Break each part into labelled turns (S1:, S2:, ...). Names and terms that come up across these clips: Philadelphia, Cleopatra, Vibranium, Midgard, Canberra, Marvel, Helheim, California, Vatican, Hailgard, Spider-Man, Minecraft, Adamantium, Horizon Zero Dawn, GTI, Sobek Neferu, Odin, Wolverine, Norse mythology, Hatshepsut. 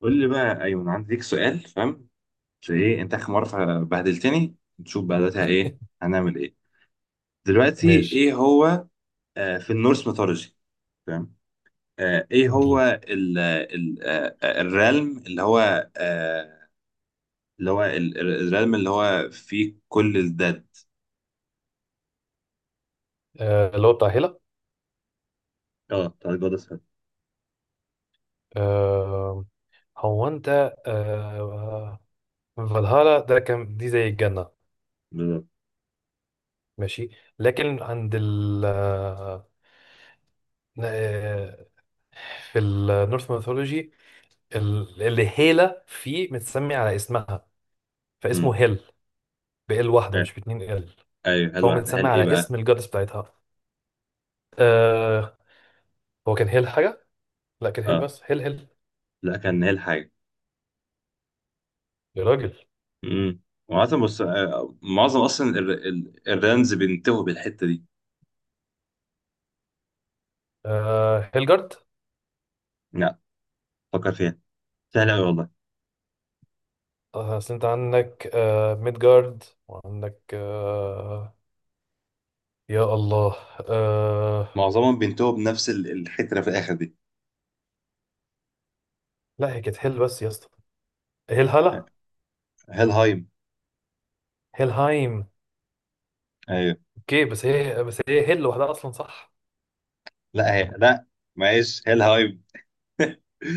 S1: قول لي بقى، ايوه، انا عندي ليك سؤال. فاهم؟ مش، ايه، انت اخر مره بهدلتني. نشوف بقى دلوقتي ايه. هنعمل ايه دلوقتي؟
S2: ماشي.
S1: ايه هو؟ في النورس ميثولوجي. فاهم. ايه هو
S2: اديني.
S1: ال ال آه آه، الريلم اللي هو. آه اللي هو الريلم اللي هو فيه كل الداد.
S2: آه، اللي هو بتاع هيلا.
S1: اه، بتاع الجود اسهل.
S2: آه. هو انت. آه. فالهالا ده كان دي زي الجنة.
S1: بالظبط.
S2: ماشي. لكن عند ال آه، في النورث ميثولوجي اللي هيلا فيه متسمي على اسمها، فاسمه
S1: أمم،
S2: هيل، بال واحدة
S1: آه،
S2: مش باتنين ال،
S1: ايوه، هل
S2: فهو
S1: واحد،
S2: متسمي
S1: هل ايه
S2: على
S1: بقى.
S2: اسم الجادس بتاعتها. آه، هو كان هيل حاجة؟ لا، كان هيل
S1: اه،
S2: بس، هيل.
S1: لا، كان هل حاجه.
S2: يا راجل.
S1: امم وعاده، بص، معظم اصلا الريلمز بينتهوا بالحته دي.
S2: آه، هيلجارد.
S1: لا، فكر فيها. سهل قوي والله.
S2: اصل انت عندك ميدجارد وعندك يا الله. آه.
S1: معظمهم بينتهوا بنفس الحتره في الاخر دي.
S2: لا، هي كانت هيل بس يا اسطى. هيل هلا.
S1: هيلهايم.
S2: هيلهايم.
S1: ايوه.
S2: اوكي، بس هي هيل لوحدها اصلا، صح؟
S1: لا هي لا. معلش، هيلهايم.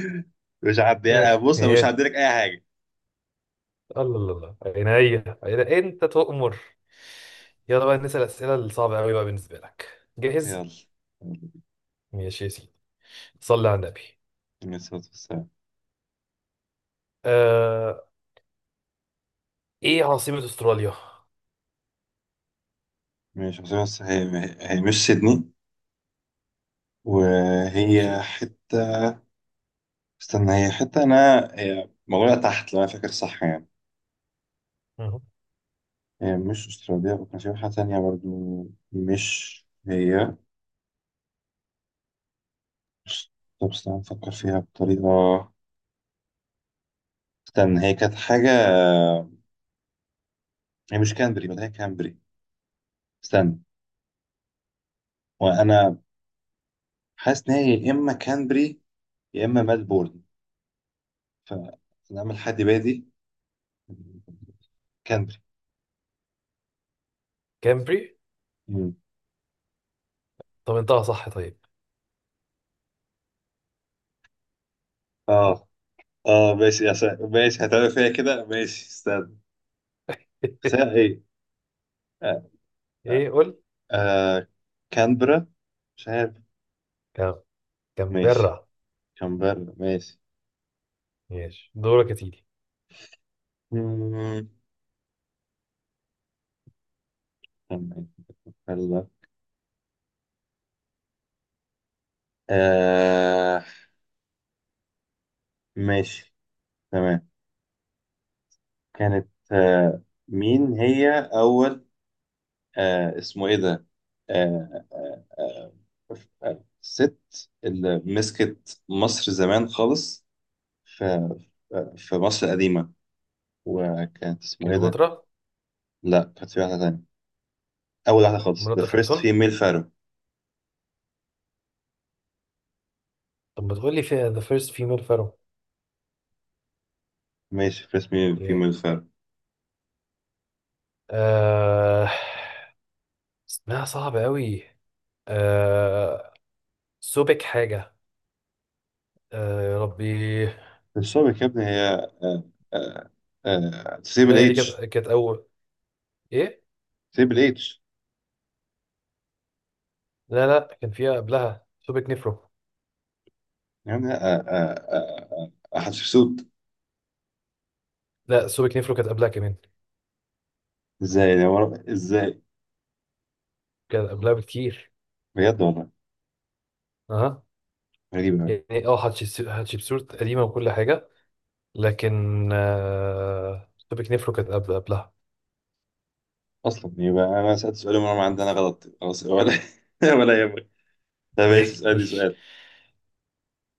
S1: مش هعديها.
S2: ايه
S1: بص، أنا مش
S2: ماشي.
S1: هعدي لك اي حاجه.
S2: الله الله الله. عينيا عينيا، انت تؤمر. يلا بقى نسأل الأسئلة الصعبة قوي بقى. بالنسبة لك، جاهز؟
S1: يلا.
S2: ماشي يا سيدي. صلي على النبي.
S1: ماشي.
S2: آه. ايه عاصمة استراليا؟
S1: ماشي، بس هي مش سيدني،
S2: ماشي.
S1: وهي حته. استنى، هي حته انا، هي موجوده تحت لو انا فاكر صح يعني.
S2: مهم.
S1: هي مش استراليا، وكان في واحده تانيه برضو مش هي. طب استنى افكر فيها بطريقه. استنى، هي كانت حاجه. هي مش كانبري، ما هي كانبري. استنى. وانا حاسس ان هي يا اما كانبري يا اما ملبورن. فانا اعمل حد بادي. كانبري.
S2: كامبري.
S1: مم.
S2: طب انتهى صح، طيب.
S1: اه. اه، ماشي يا ماشي، هتعمل فيا كده. ماشي، استنى. ساعة ايه؟ آه.
S2: ايه قول.
S1: آه. كانبرا. مش عارف.
S2: كام-
S1: ماشي،
S2: كامبرا.
S1: كانبرا. ماشي.
S2: ماشي، دورك يا سيدي.
S1: مم. كان- كانبرا. آه. ماشي. تمام. كانت، مين هي اول؟ اسمه ايه ده؟ آه، آه، آه، ست اللي مسكت مصر زمان خالص، في في مصر القديمة. وكانت اسمه ايه ده؟
S2: كليوباترا.
S1: لا، كانت في واحدة تانية، أول واحدة خالص، the
S2: مناطق
S1: first
S2: خنسون.
S1: female pharaoh.
S2: طب ما تقول لي فيها the first female pharaoh
S1: ماشي، first female
S2: يعني.
S1: pharaoh
S2: آه... اسمها صعب قوي. آه... سوبك حاجة. آه... يا ربي.
S1: السابق يا ابني هي. آه، آه، تسيب
S2: لا هي دي كانت
S1: الاتش.
S2: كانت أول. إيه؟
S1: تسيب الاتش.
S2: لا لا، كان فيها قبلها سوبك نيفرو.
S1: يعني حتشبسوت.
S2: لا، سوبك نيفرو كانت قبلها كمان.
S1: ازاي ازاي؟
S2: كانت قبلها بكتير.
S1: بجد والله.
S2: أها.
S1: غريبة أوي.
S2: يعني اه، هاتشبسوت قديمة وكل حاجة، لكن آه... سوبك نيفرو كانت قبلها.
S1: اصلا يبقى انا سالت سؤال ومرة ما عندنا غلط، خلاص ولا ولا يهمك. طب ماشي،
S2: ايه
S1: اسالني سؤال.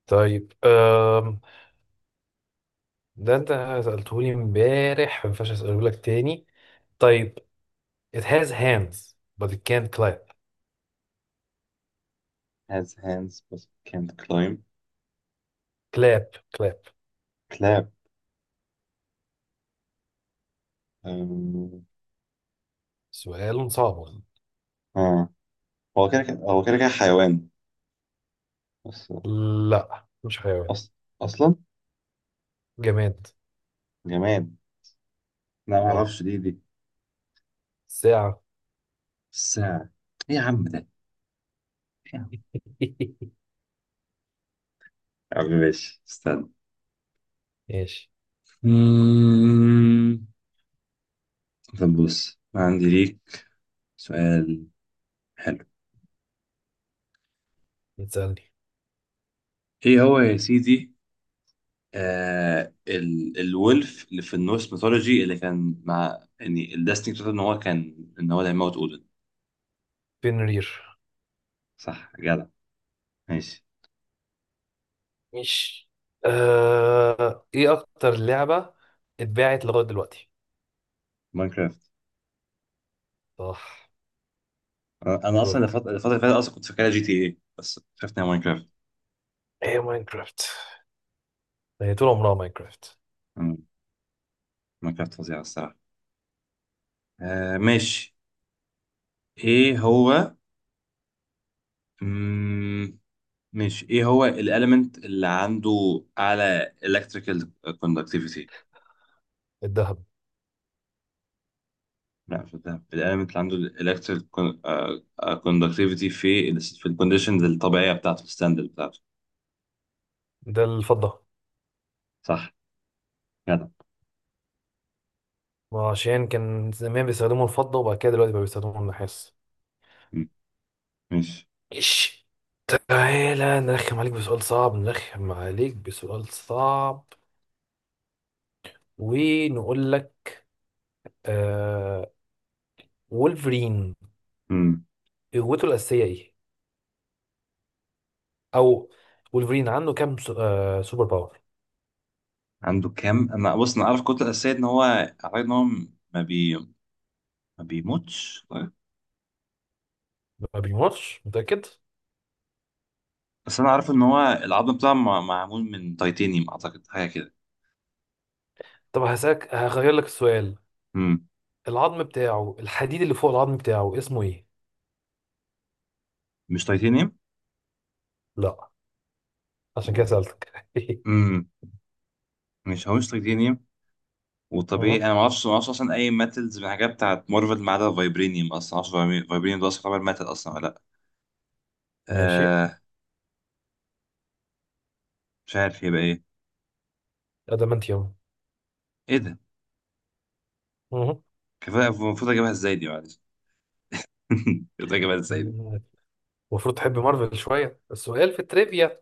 S2: طيب. ده انت سألتهولي امبارح، ما ينفعش اسأله لك تاني. طيب. It has hands but it can't clap.
S1: has hands but can't climb.
S2: Clap clap.
S1: كلاب. أم،
S2: سؤال صعب.
S1: اه، هو كده كده حيوان بس.
S2: لا مش حيوان.
S1: أص... اصلا.
S2: جماد.
S1: جماد. لا ما
S2: اه.
S1: اعرفش، دي.
S2: ساعة.
S1: الساعة. ايه يا عم ده. يا عم. يا عم، ماشي، استنى.
S2: ماشي.
S1: مم. طب بص، عندي ليك سؤال حلو.
S2: بتسألني؟
S1: ايه هو يا سيدي؟ آه ال الولف اللي في النورس ميثولوجي، اللي كان مع يعني الديستني بتاعته ان هو كان ان هو اللي هيموت اودن.
S2: بنرير.
S1: صح، جدع. ماشي.
S2: مش. آه... ايه اكتر لعبة اتباعت لغاية دلوقتي؟
S1: ماينكرافت.
S2: صح.
S1: انا،
S2: دورك.
S1: الفتره اللي فاتت اصلا كنت فاكرها جي تي اي، بس شفت إنها ماينكرافت.
S2: ايه ماينكرافت، هي طول عمرها ماينكرافت.
S1: مم، ماينكرافت فظيعه الصراحه. ماشي. ايه هو. مم. ماشي، ايه هو الاليمنت اللي عنده اعلى electrical conductivity؟
S2: الذهب.
S1: لا، في ده، في الاليمنت اللي عنده الالكتريك كوندكتيفيتي في ال في الكونديشنز الطبيعيه بتاعته، الستاندرد بتاعته.
S2: ده الفضة.
S1: صح، جدع.
S2: وعشان كان زمان بيستخدموا الفضة وبعد كده دلوقتي بقى بيستخدموا النحاس.
S1: مم. ماشي.
S2: إيش. تعالى نرخم عليك بسؤال صعب، نرخم عليك بسؤال صعب، ونقول لك. آه. وولفرين،
S1: مم.
S2: قوته الأساسية إيه؟ أو وولفرين عنده كام سوبر باور؟
S1: عنده كام؟ انا، بص، انا عارف الكتله الاساسيه ان هو اعتقد ان هو ما بي ما بيموتش طيب.
S2: ما بيموتش، متأكد؟
S1: بس انا عارف ان هو العظم بتاعه، معمول من تيتانيوم اعتقد، حاجه كده.
S2: طب هسألك، هغير لك السؤال.
S1: مم.
S2: العظم بتاعه، الحديد اللي فوق العظم بتاعه اسمه إيه؟
S1: مش تيتانيوم.
S2: لا. عشان كده سألتك.
S1: امم مش، هو مش تيتانيوم.
S2: مهم.
S1: وطبيعي انا ما اعرفش اصلا اي ماتلز من الحاجات بتاعت مارفل، ما عدا فايبرينيوم. اصلا ما اعرفش فايبرينيوم ده اصلا يعتبر ماتل اصلا ولا لا.
S2: ماشي.
S1: آه مش عارف يبقى ايه.
S2: أدمنتيوم.
S1: ايه ده؟ كفايه، المفروض اجيبها ازاي دي؟ معلش المفروض اجيبها ازاي دي.
S2: مهم. المفروض تحب مارفل شوية، السؤال في التريفيا.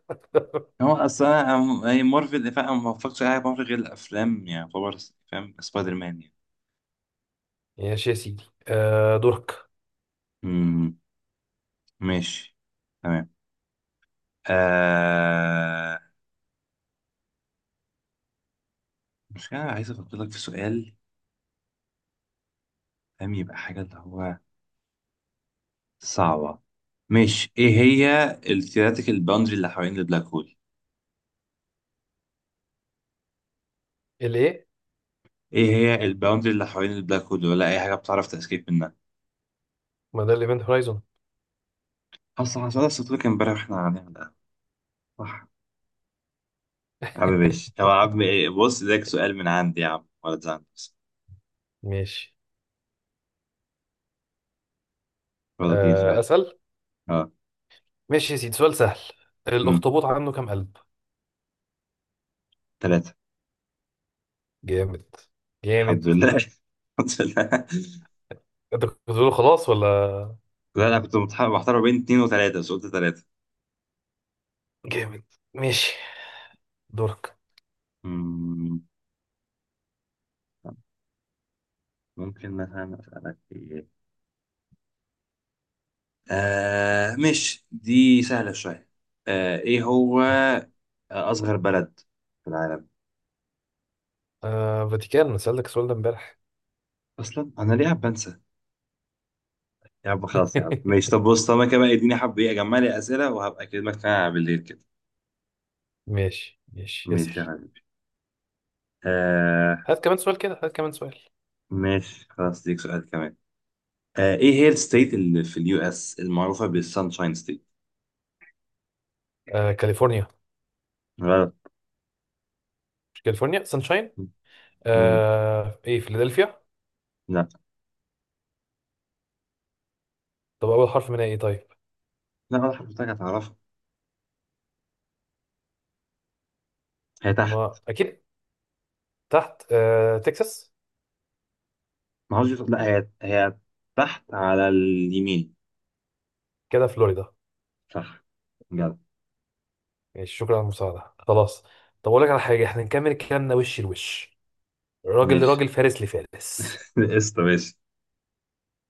S1: هو اصلا، هي مارفل، فاهم، أنا ما بفكرش على حاجة مارفل غير الافلام يعني، يعتبر، فاهم، سبايدر مان يعني.
S2: ماشي يا سيدي. آه، دورك.
S1: امم ماشي. تمام. آه مش، انا عايز افكر لك في سؤال، فاهم، يبقى حاجه اللي هو صعبه. ماشي، ايه هي الثيوريتيكال باوندري اللي حوالين البلاك هول؟
S2: الايه؟
S1: ايه هي الباوندري اللي حوالين البلاك هول، ولا اي حاجه بتعرف تسكيب منها.
S2: ما ده الايفنت هورايزون.
S1: اصلا حصل لك امبارح واحنا قاعدين على القهوة. صح. يا عم ماشي. طب يا عم ايه، بص، ده سؤال من عندي يا عم، ولا تزعل بس.
S2: ماشي.
S1: ولا اديني
S2: آه،
S1: سؤال.
S2: اسأل.
S1: اه.
S2: ماشي يا سيدي، سؤال سهل.
S1: امم
S2: الاخطبوط عنده كام قلب؟
S1: ثلاثة.
S2: جامد.
S1: الحمد
S2: جامد.
S1: لله الحمد لله.
S2: انت كنت بتقول خلاص ولا؟
S1: لا، انا كنت محتار بين اتنين وثلاثة، بس قلت ثلاثة.
S2: جامد. ماشي، دورك.
S1: امم طب، ممكن مثلا اسألك ايه. مش دي سهلة شوية. ايه هو اصغر بلد في العالم؟
S2: آه، فاتيكان، انا سألتك السؤال ده امبارح.
S1: اصلا انا ليه عم بنسى. يا عم خلاص، يا عم ماشي. طب بص، طب انا كمان اديني حبة ايه، اجمع لي اسئلة وهبقى اكلمك تاني بالليل كده.
S2: ماشي ماشي،
S1: ماشي يا
S2: اسأل.
S1: حبيبي. آه
S2: هات كمان سؤال كده، هات كمان سؤال.
S1: ماشي. خلاص، ديك سؤال كمان. ايه هي الستيت اللي في اليو اس المعروفة بالسانشاين ستيت؟
S2: آه، كاليفورنيا.
S1: غلط.
S2: مش كاليفورنيا سانشاين.
S1: مم.
S2: ايه، فيلادلفيا.
S1: لا.
S2: طب اول حرف منها ايه طيب؟
S1: لا، ولا حضرتك هتعرفها. هي تحت.
S2: ما اكيد. تحت تكساس.
S1: ما هوش، لا، هي تحت على اليمين.
S2: كده فلوريدا.
S1: صح، جدع.
S2: ماشي، شكرا على المساعده، خلاص. طب اقول لك على حاجه، احنا نكمل كلامنا وش لوش، راجل
S1: ماشي
S2: لراجل، فارس لفارس.
S1: قشطة، ماشي.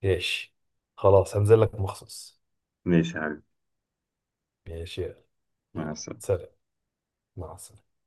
S2: ماشي، خلاص هنزل لك مخصوص.
S1: ماشي يا حبيبي.
S2: ماشي يلا.
S1: مع
S2: يلا.
S1: السلامة.
S2: سلام. مع السلامه.